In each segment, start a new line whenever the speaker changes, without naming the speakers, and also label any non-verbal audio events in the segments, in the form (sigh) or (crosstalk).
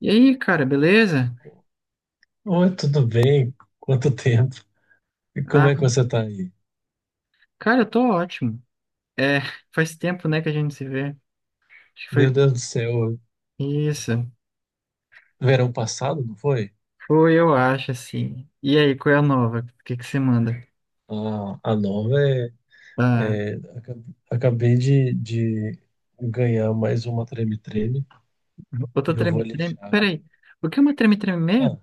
E aí, cara, beleza?
Oi, tudo bem? Quanto tempo? E como
Ah,
é que você tá aí?
cara, eu tô ótimo. É, faz tempo, né, que a gente se vê. Acho que
Meu
foi
Deus do céu,
isso.
verão passado, não foi?
Foi, eu acho, assim. E aí, qual é a nova? O que que você manda?
A nova é,
Ah,
é, aca- Acabei de ganhar mais uma treme-treme e
outra
eu vou
treme-treme.
lixar.
Peraí, o que é uma treme-treme mesmo?
Ah,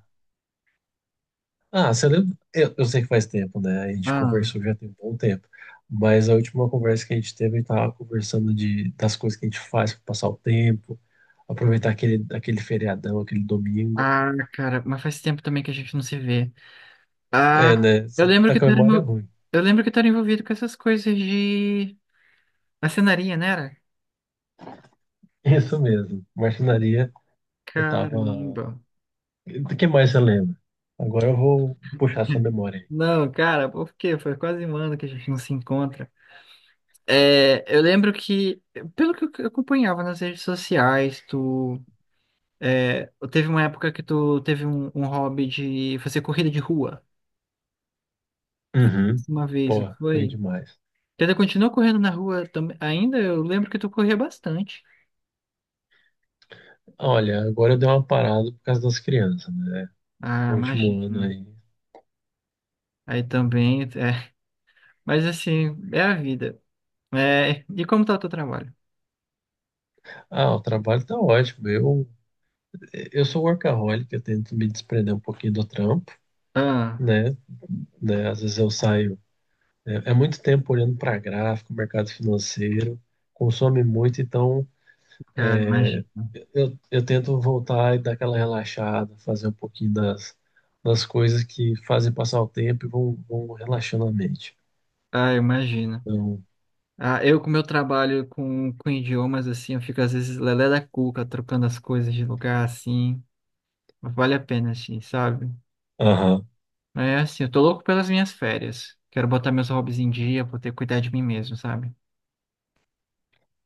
ah, você lembra? Eu sei que faz tempo, né? A gente
Ah,
conversou já tem um bom tempo. Mas a última conversa que a gente teve, a gente tava conversando das coisas que a gente faz para passar o tempo, aproveitar aquele feriadão, aquele domingo.
ah, cara, mas faz tempo também que a gente não se vê.
É,
Ah,
né?
eu
Você
lembro
tá
que
com a
tu era,
memória
envol-
ruim.
eu lembro que tu era envolvido com essas coisas de marcenaria, né, era?
(laughs) Isso mesmo. Marcenaria, eu tava. O
Caramba.
que mais você lembra? Agora eu vou puxar sua
(laughs)
memória
Não, cara, por quê? Foi quase um ano que a gente não se encontra. É, eu lembro que, pelo que eu acompanhava nas redes sociais, é, teve uma época que tu teve um hobby de fazer corrida de rua.
aí. Uhum.
Uma vez, não
Porra, corri
foi?
demais.
Tu ainda continuou correndo na rua também? Ainda eu lembro que tu corria bastante.
Olha, agora eu dei uma parada por causa das crianças, né?
Ah,
O último ano
imagino.
aí.
Aí também, é. Mas assim, é a vida. É, e como tá o teu trabalho?
Ah, o trabalho tá ótimo. Eu sou workaholic, eu tento me desprender um pouquinho do trampo,
Ah,
né? né? Às vezes eu saio. É muito tempo olhando para gráfico, mercado financeiro, consome muito, então
cara,
é,
imagina.
eu tento voltar e dar aquela relaxada, fazer um pouquinho das coisas que fazem passar o tempo e vão relaxando a mente.
Ah, imagina.
Então,
Ah, eu com meu trabalho com idiomas, assim, eu fico às vezes lelé da cuca, trocando as coisas de lugar, assim. Mas vale a pena, assim, sabe?
aham.
É assim, eu tô louco pelas minhas férias. Quero botar meus hobbies em dia, vou ter que cuidar de mim mesmo, sabe?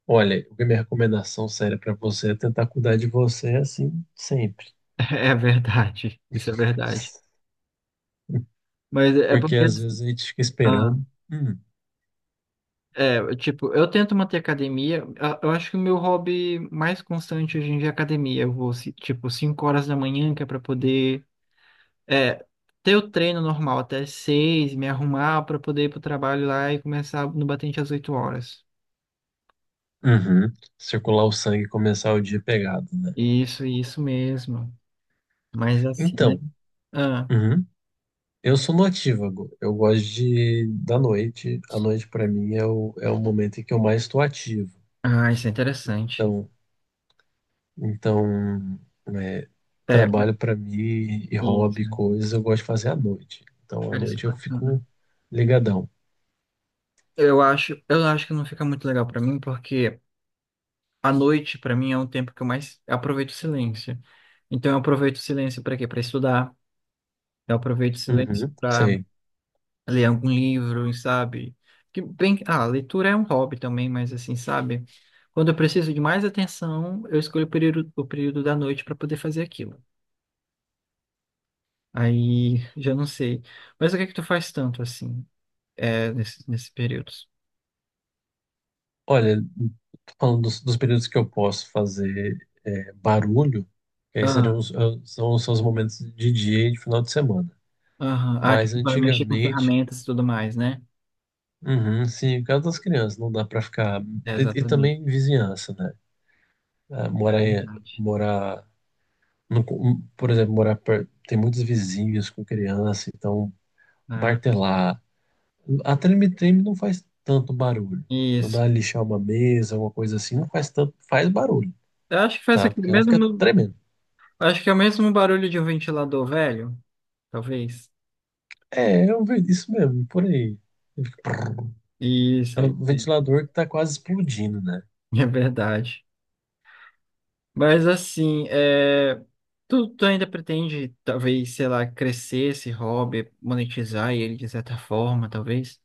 Olha, a minha recomendação séria para você é tentar cuidar de você assim sempre.
(laughs) É verdade, isso é verdade.
(laughs)
Mas é
Porque
porque,
às
assim,
vezes a gente fica
ah,
esperando. Hum.
tipo, eu tento manter academia. Ah, eu acho que o meu hobby mais constante hoje em dia é academia. Eu vou, tipo, 5 horas da manhã, que é pra poder É, ter o treino normal até 6, me arrumar para poder ir pro trabalho lá e começar no batente às 8 horas.
Uhum. Circular o sangue e começar o dia pegado, né?
Isso, isso mesmo. Mas assim, né?
Então,
Ah,
uhum. Eu sou notívago. Eu gosto de da noite. A noite para mim é o momento em que eu mais estou ativo.
ah, isso é interessante.
Então, Então, é,
É,
trabalho para mim e hobby,
isso.
coisas, eu gosto de fazer à noite. Então, à
Cara, isso é
noite eu
bacana.
fico ligadão.
Eu acho que não fica muito legal para mim, porque a noite, para mim, é um tempo que eu mais aproveito o silêncio. Então, eu aproveito o silêncio para quê? Para estudar. Eu aproveito o silêncio
Uhum,
para
sei.
ler algum livro, sabe? Que bem, a leitura é um hobby também, mas assim, sabe? Quando eu preciso de mais atenção, eu escolho o período da noite para poder fazer aquilo. Aí, já não sei. Mas o que é que tu faz tanto assim, nesses períodos?
Olha, falando dos períodos que eu posso fazer barulho, que aí seriam
Ah,
os, são, são os momentos de dia e de final de semana.
aham. Ah, que
Mas
tu vai mexer com
antigamente,
ferramentas e tudo mais, né?
uhum, sim, por causa das crianças, não dá para ficar.
É,
E
exatamente.
também vizinhança, né? Ah,
É
morar, em-
verdade.
morar Não co- por exemplo, morar perto, tem muitos vizinhos com criança, então
Ah,
martelar. A treme-treme não faz tanto barulho. Quando
isso.
ela lixar uma mesa, alguma coisa assim, não faz tanto, faz barulho,
Eu acho que faz
tá?
aquele
Porque ela fica
mesmo,
tremendo.
acho que é o mesmo barulho de um ventilador velho, talvez.
É, eu vejo isso mesmo, por aí.
Isso,
É um
isso. Isso.
ventilador que tá quase explodindo, né?
(laughs) É verdade. Mas assim, tu ainda pretende, talvez, sei lá, crescer esse hobby, monetizar ele de certa forma, talvez?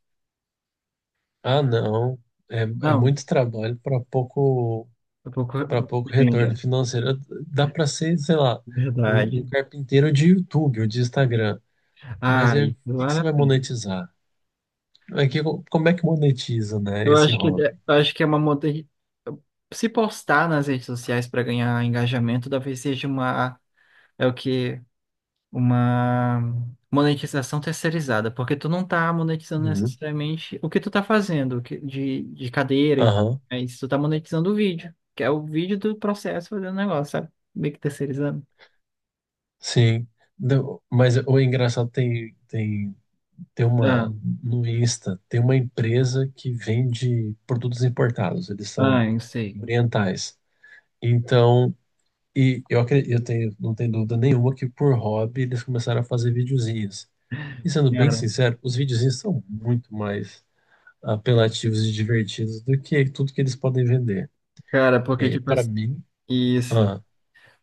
Ah, não. É, é
Não,
muito trabalho para pouco,
eu pouco
para pouco retorno
dinheiro,
financeiro. Dá para ser, sei lá, um
verdade.
carpinteiro de YouTube ou de Instagram. Mas aí, o
Ai, não
que que
vale
você
a
vai
pena.
monetizar? É que como é que monetiza, né,
Eu
esse
acho que, eu
hobby?
acho que é uma monte... Se postar nas redes sociais para ganhar engajamento, talvez seja uma. É o que. Uma monetização terceirizada, porque tu não tá monetizando
Uhum.
necessariamente o que tu tá fazendo de cadeira, e,
Aham,
é isso, tu tá monetizando o vídeo, que é o vídeo do processo fazendo negócio, sabe? Meio que terceirizando.
sim. Não, mas o engraçado tem
Ah,
uma, no Insta, tem uma empresa que vende produtos importados, eles são
ah, eu sei.
orientais. Então, e eu acredito, não tenho dúvida nenhuma que por hobby eles começaram a fazer videozinhos. E sendo bem
Cara,
sincero, os videozinhos são muito mais apelativos e divertidos do que tudo que eles podem vender.
cara, porque
E
tipo
para
assim,
mim,
isso.
ah,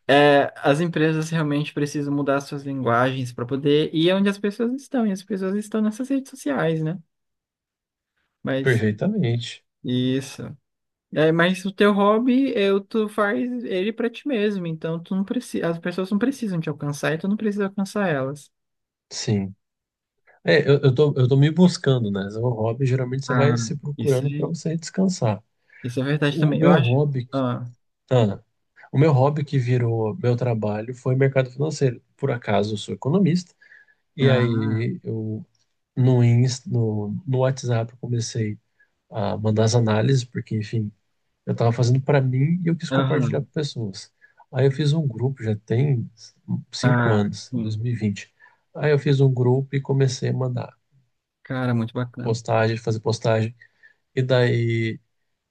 É, as empresas realmente precisam mudar suas linguagens para poder ir onde as pessoas estão, e as pessoas estão nessas redes sociais, né? Mas
perfeitamente.
isso. É, mas o teu hobby, tu faz ele pra ti mesmo, então tu não precisa, as pessoas não precisam te alcançar e tu não precisa alcançar elas.
Sim. É, eu tô me buscando, né? O hobby, geralmente você vai
Ah,
se
isso,
procurando para você descansar.
isso é verdade
O
também. Eu
meu
acho.
hobby, que-
Ah,
ah, o meu hobby que virou meu trabalho foi mercado financeiro. Por acaso, eu sou economista. E
ah,
aí, eu no Insta, no WhatsApp, eu comecei a mandar as análises, porque, enfim, eu estava fazendo para mim e eu quis compartilhar
aham,
com pessoas. Aí eu fiz um grupo, já tem cinco
ah,
anos,
sim.
2020. Aí eu fiz um grupo e comecei a mandar
Cara, muito bacana.
postagem, fazer postagem. E daí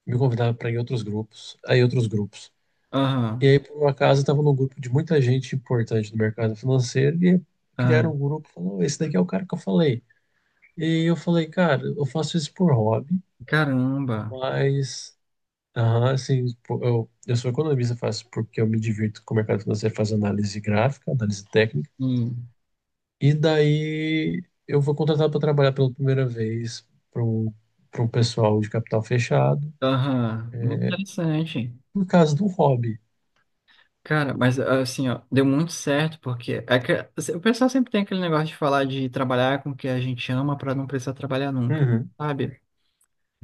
me convidava para ir em outros grupos, aí outros grupos. E
Aham,
aí, por um acaso, eu estava num grupo de muita gente importante do mercado financeiro e
ah,
criaram um grupo e falaram, esse daqui é o cara que eu falei. E eu falei, cara, eu faço isso por hobby,
caramba.
mas aham, assim, pô, eu sou economista, faço porque eu me divirto com o mercado financeiro, faço análise gráfica, análise técnica,
Hum,
e daí eu vou contratado para trabalhar pela primeira vez para um, pessoal de capital fechado,
aham, muito interessante.
por causa de um hobby.
Cara, mas assim, ó, deu muito certo, porque é que- assim, o pessoal sempre tem aquele negócio de falar de trabalhar com o que a gente ama pra não precisar trabalhar nunca,
Uhum.
sabe?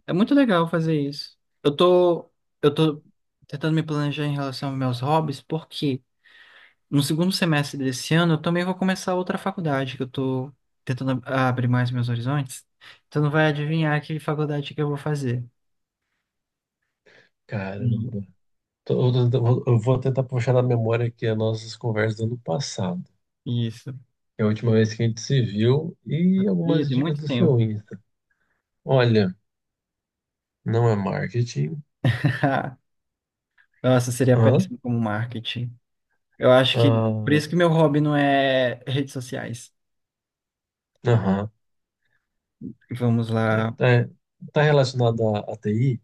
É muito legal fazer isso. Eu tô, eu tô tentando me planejar em relação aos meus hobbies, porque no segundo semestre desse ano eu também vou começar outra faculdade, que eu tô tentando abrir mais meus horizontes. Então não vai adivinhar que faculdade que eu vou fazer.
Caramba.
E-
Tô- eu vou tentar puxar na memória aqui as nossas conversas do ano passado,
Isso.
que é a última vez que a gente se viu, e
Ih,
algumas
tem
dicas
muito
do
tempo.
seu Insta. Olha, não é marketing,
(laughs) Nossa, seria
hã?
péssimo como marketing. Eu acho que por
Ah,
isso que meu hobby não é redes sociais.
aham.
Vamos lá.
Tá, tá relacionado à TI?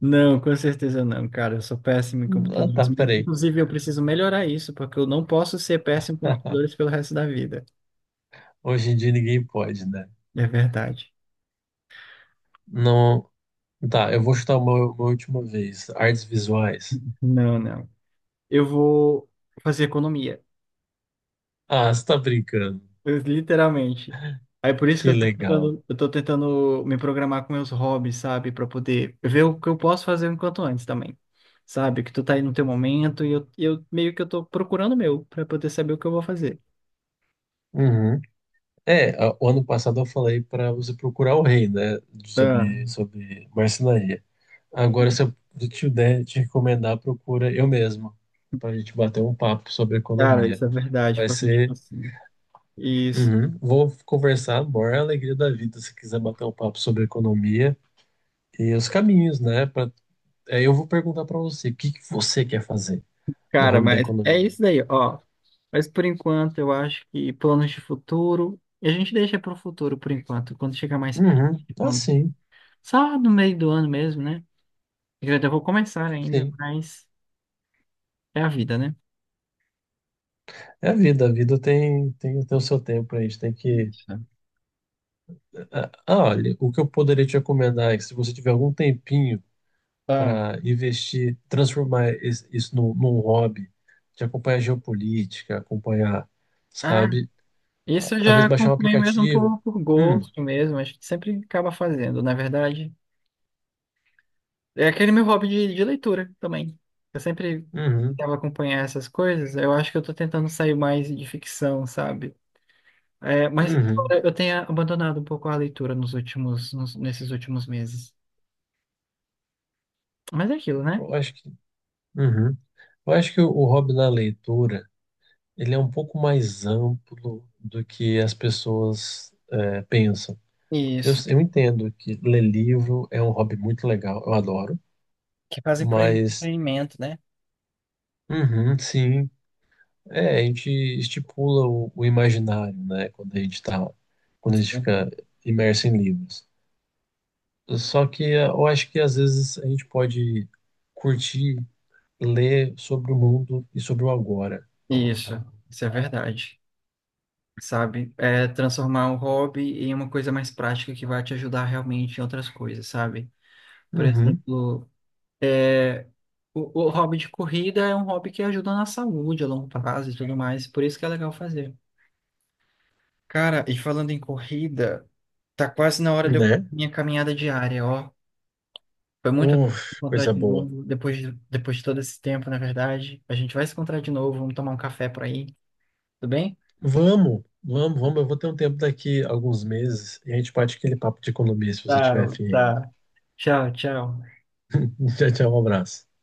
Não, com certeza não, cara. Eu sou péssimo em
Ah,
computadores.
tá,
Mas,
peraí.
inclusive, eu preciso melhorar isso, porque eu não posso ser péssimo em computadores
(laughs)
pelo resto da vida.
Hoje em dia ninguém pode, né?
É verdade.
Não. Tá, eu vou chutar uma última vez. Artes visuais.
Não, não. Eu vou fazer economia,
Ah, você tá brincando.
literalmente. Aí por isso que
Que
eu tô
legal.
tentando, eu tô tentando me programar com meus hobbies, sabe? Pra poder ver o que eu posso fazer enquanto antes também. Sabe? Que tu tá aí no teu momento e eu meio que eu tô procurando o meu pra poder saber o que eu vou fazer.
Uhum. É, o ano passado eu falei para você procurar o rei, né?
Ah,
Sobre marcenaria. Agora,
e-
se eu te der, te recomendar, procura eu mesmo. Para a gente bater um papo sobre
cara,
economia.
isso é verdade,
Vai
porque tipo
ser...
assim. Isso.
Uhum. Vou conversar, amor, é a alegria da vida, se quiser bater um papo sobre economia e os caminhos, né? Pra... Aí eu vou perguntar para você, o que que você quer fazer no
Cara,
ramo da
mas é
economia?
isso daí, ó. Mas por enquanto, eu acho que planos de futuro, a gente deixa para o futuro por enquanto, quando chegar mais perto,
Uhum. Ah,
quando...
sim,
só no meio do ano mesmo, né? Eu ainda vou começar ainda,
sim.
mas é a vida, né?
É a vida tem o seu tempo, a gente tem que...
Isso.
Ah, ah, olha, o que eu poderia te recomendar é que se você tiver algum tempinho
Ah,
para investir, transformar isso num hobby, de acompanhar geopolítica, acompanhar,
Ah,
sabe? Ah,
isso eu
talvez
já
baixar um
acompanho mesmo
aplicativo.
por,
Hum,
gosto mesmo, a gente sempre acaba fazendo, na verdade. É aquele meu hobby de leitura também. Eu sempre
Uhum,
tentava acompanhar essas coisas, eu acho que eu tô tentando sair mais de ficção, sabe? É, mas
uhum.
embora eu tenha abandonado um pouco a leitura nos últimos, nesses últimos meses. Mas é aquilo, né?
Eu acho que, uhum. Eu acho que o hobby da leitura, ele é um pouco mais amplo do que as pessoas pensam. Eu,
Isso.
eu entendo que ler livro é um hobby muito legal, eu adoro,
Que fazem pro
mas,
entretenimento, né?
uhum, sim, é, a gente estipula o imaginário, né, quando a
Isso.
gente
É bom.
fica imerso em livros. Só que é, eu acho que às vezes a gente pode curtir ler sobre o mundo e sobre o agora.
Isso, isso é verdade. Sabe? É transformar um hobby em uma coisa mais prática que vai te ajudar realmente em outras coisas, sabe? Por
Uhum,
exemplo, é, o hobby de corrida é um hobby que ajuda na saúde a longo prazo e tudo mais, por isso que é legal fazer. Cara, e falando em corrida, tá quase na hora de eu fazer
né?
minha caminhada diária, ó. Foi muito legal
Uf,
encontrar
coisa
de
boa.
novo, depois de todo esse tempo, na verdade. A gente vai se encontrar de novo, vamos tomar um café por aí, tudo bem?
Vamos, vamos, vamos. Eu vou ter um tempo daqui, a alguns meses, e a gente bate aquele papo de economia se você
Tá,
tiver fim ainda.
tá. Tchau, tchau.
(laughs) Tchau, tchau, um abraço.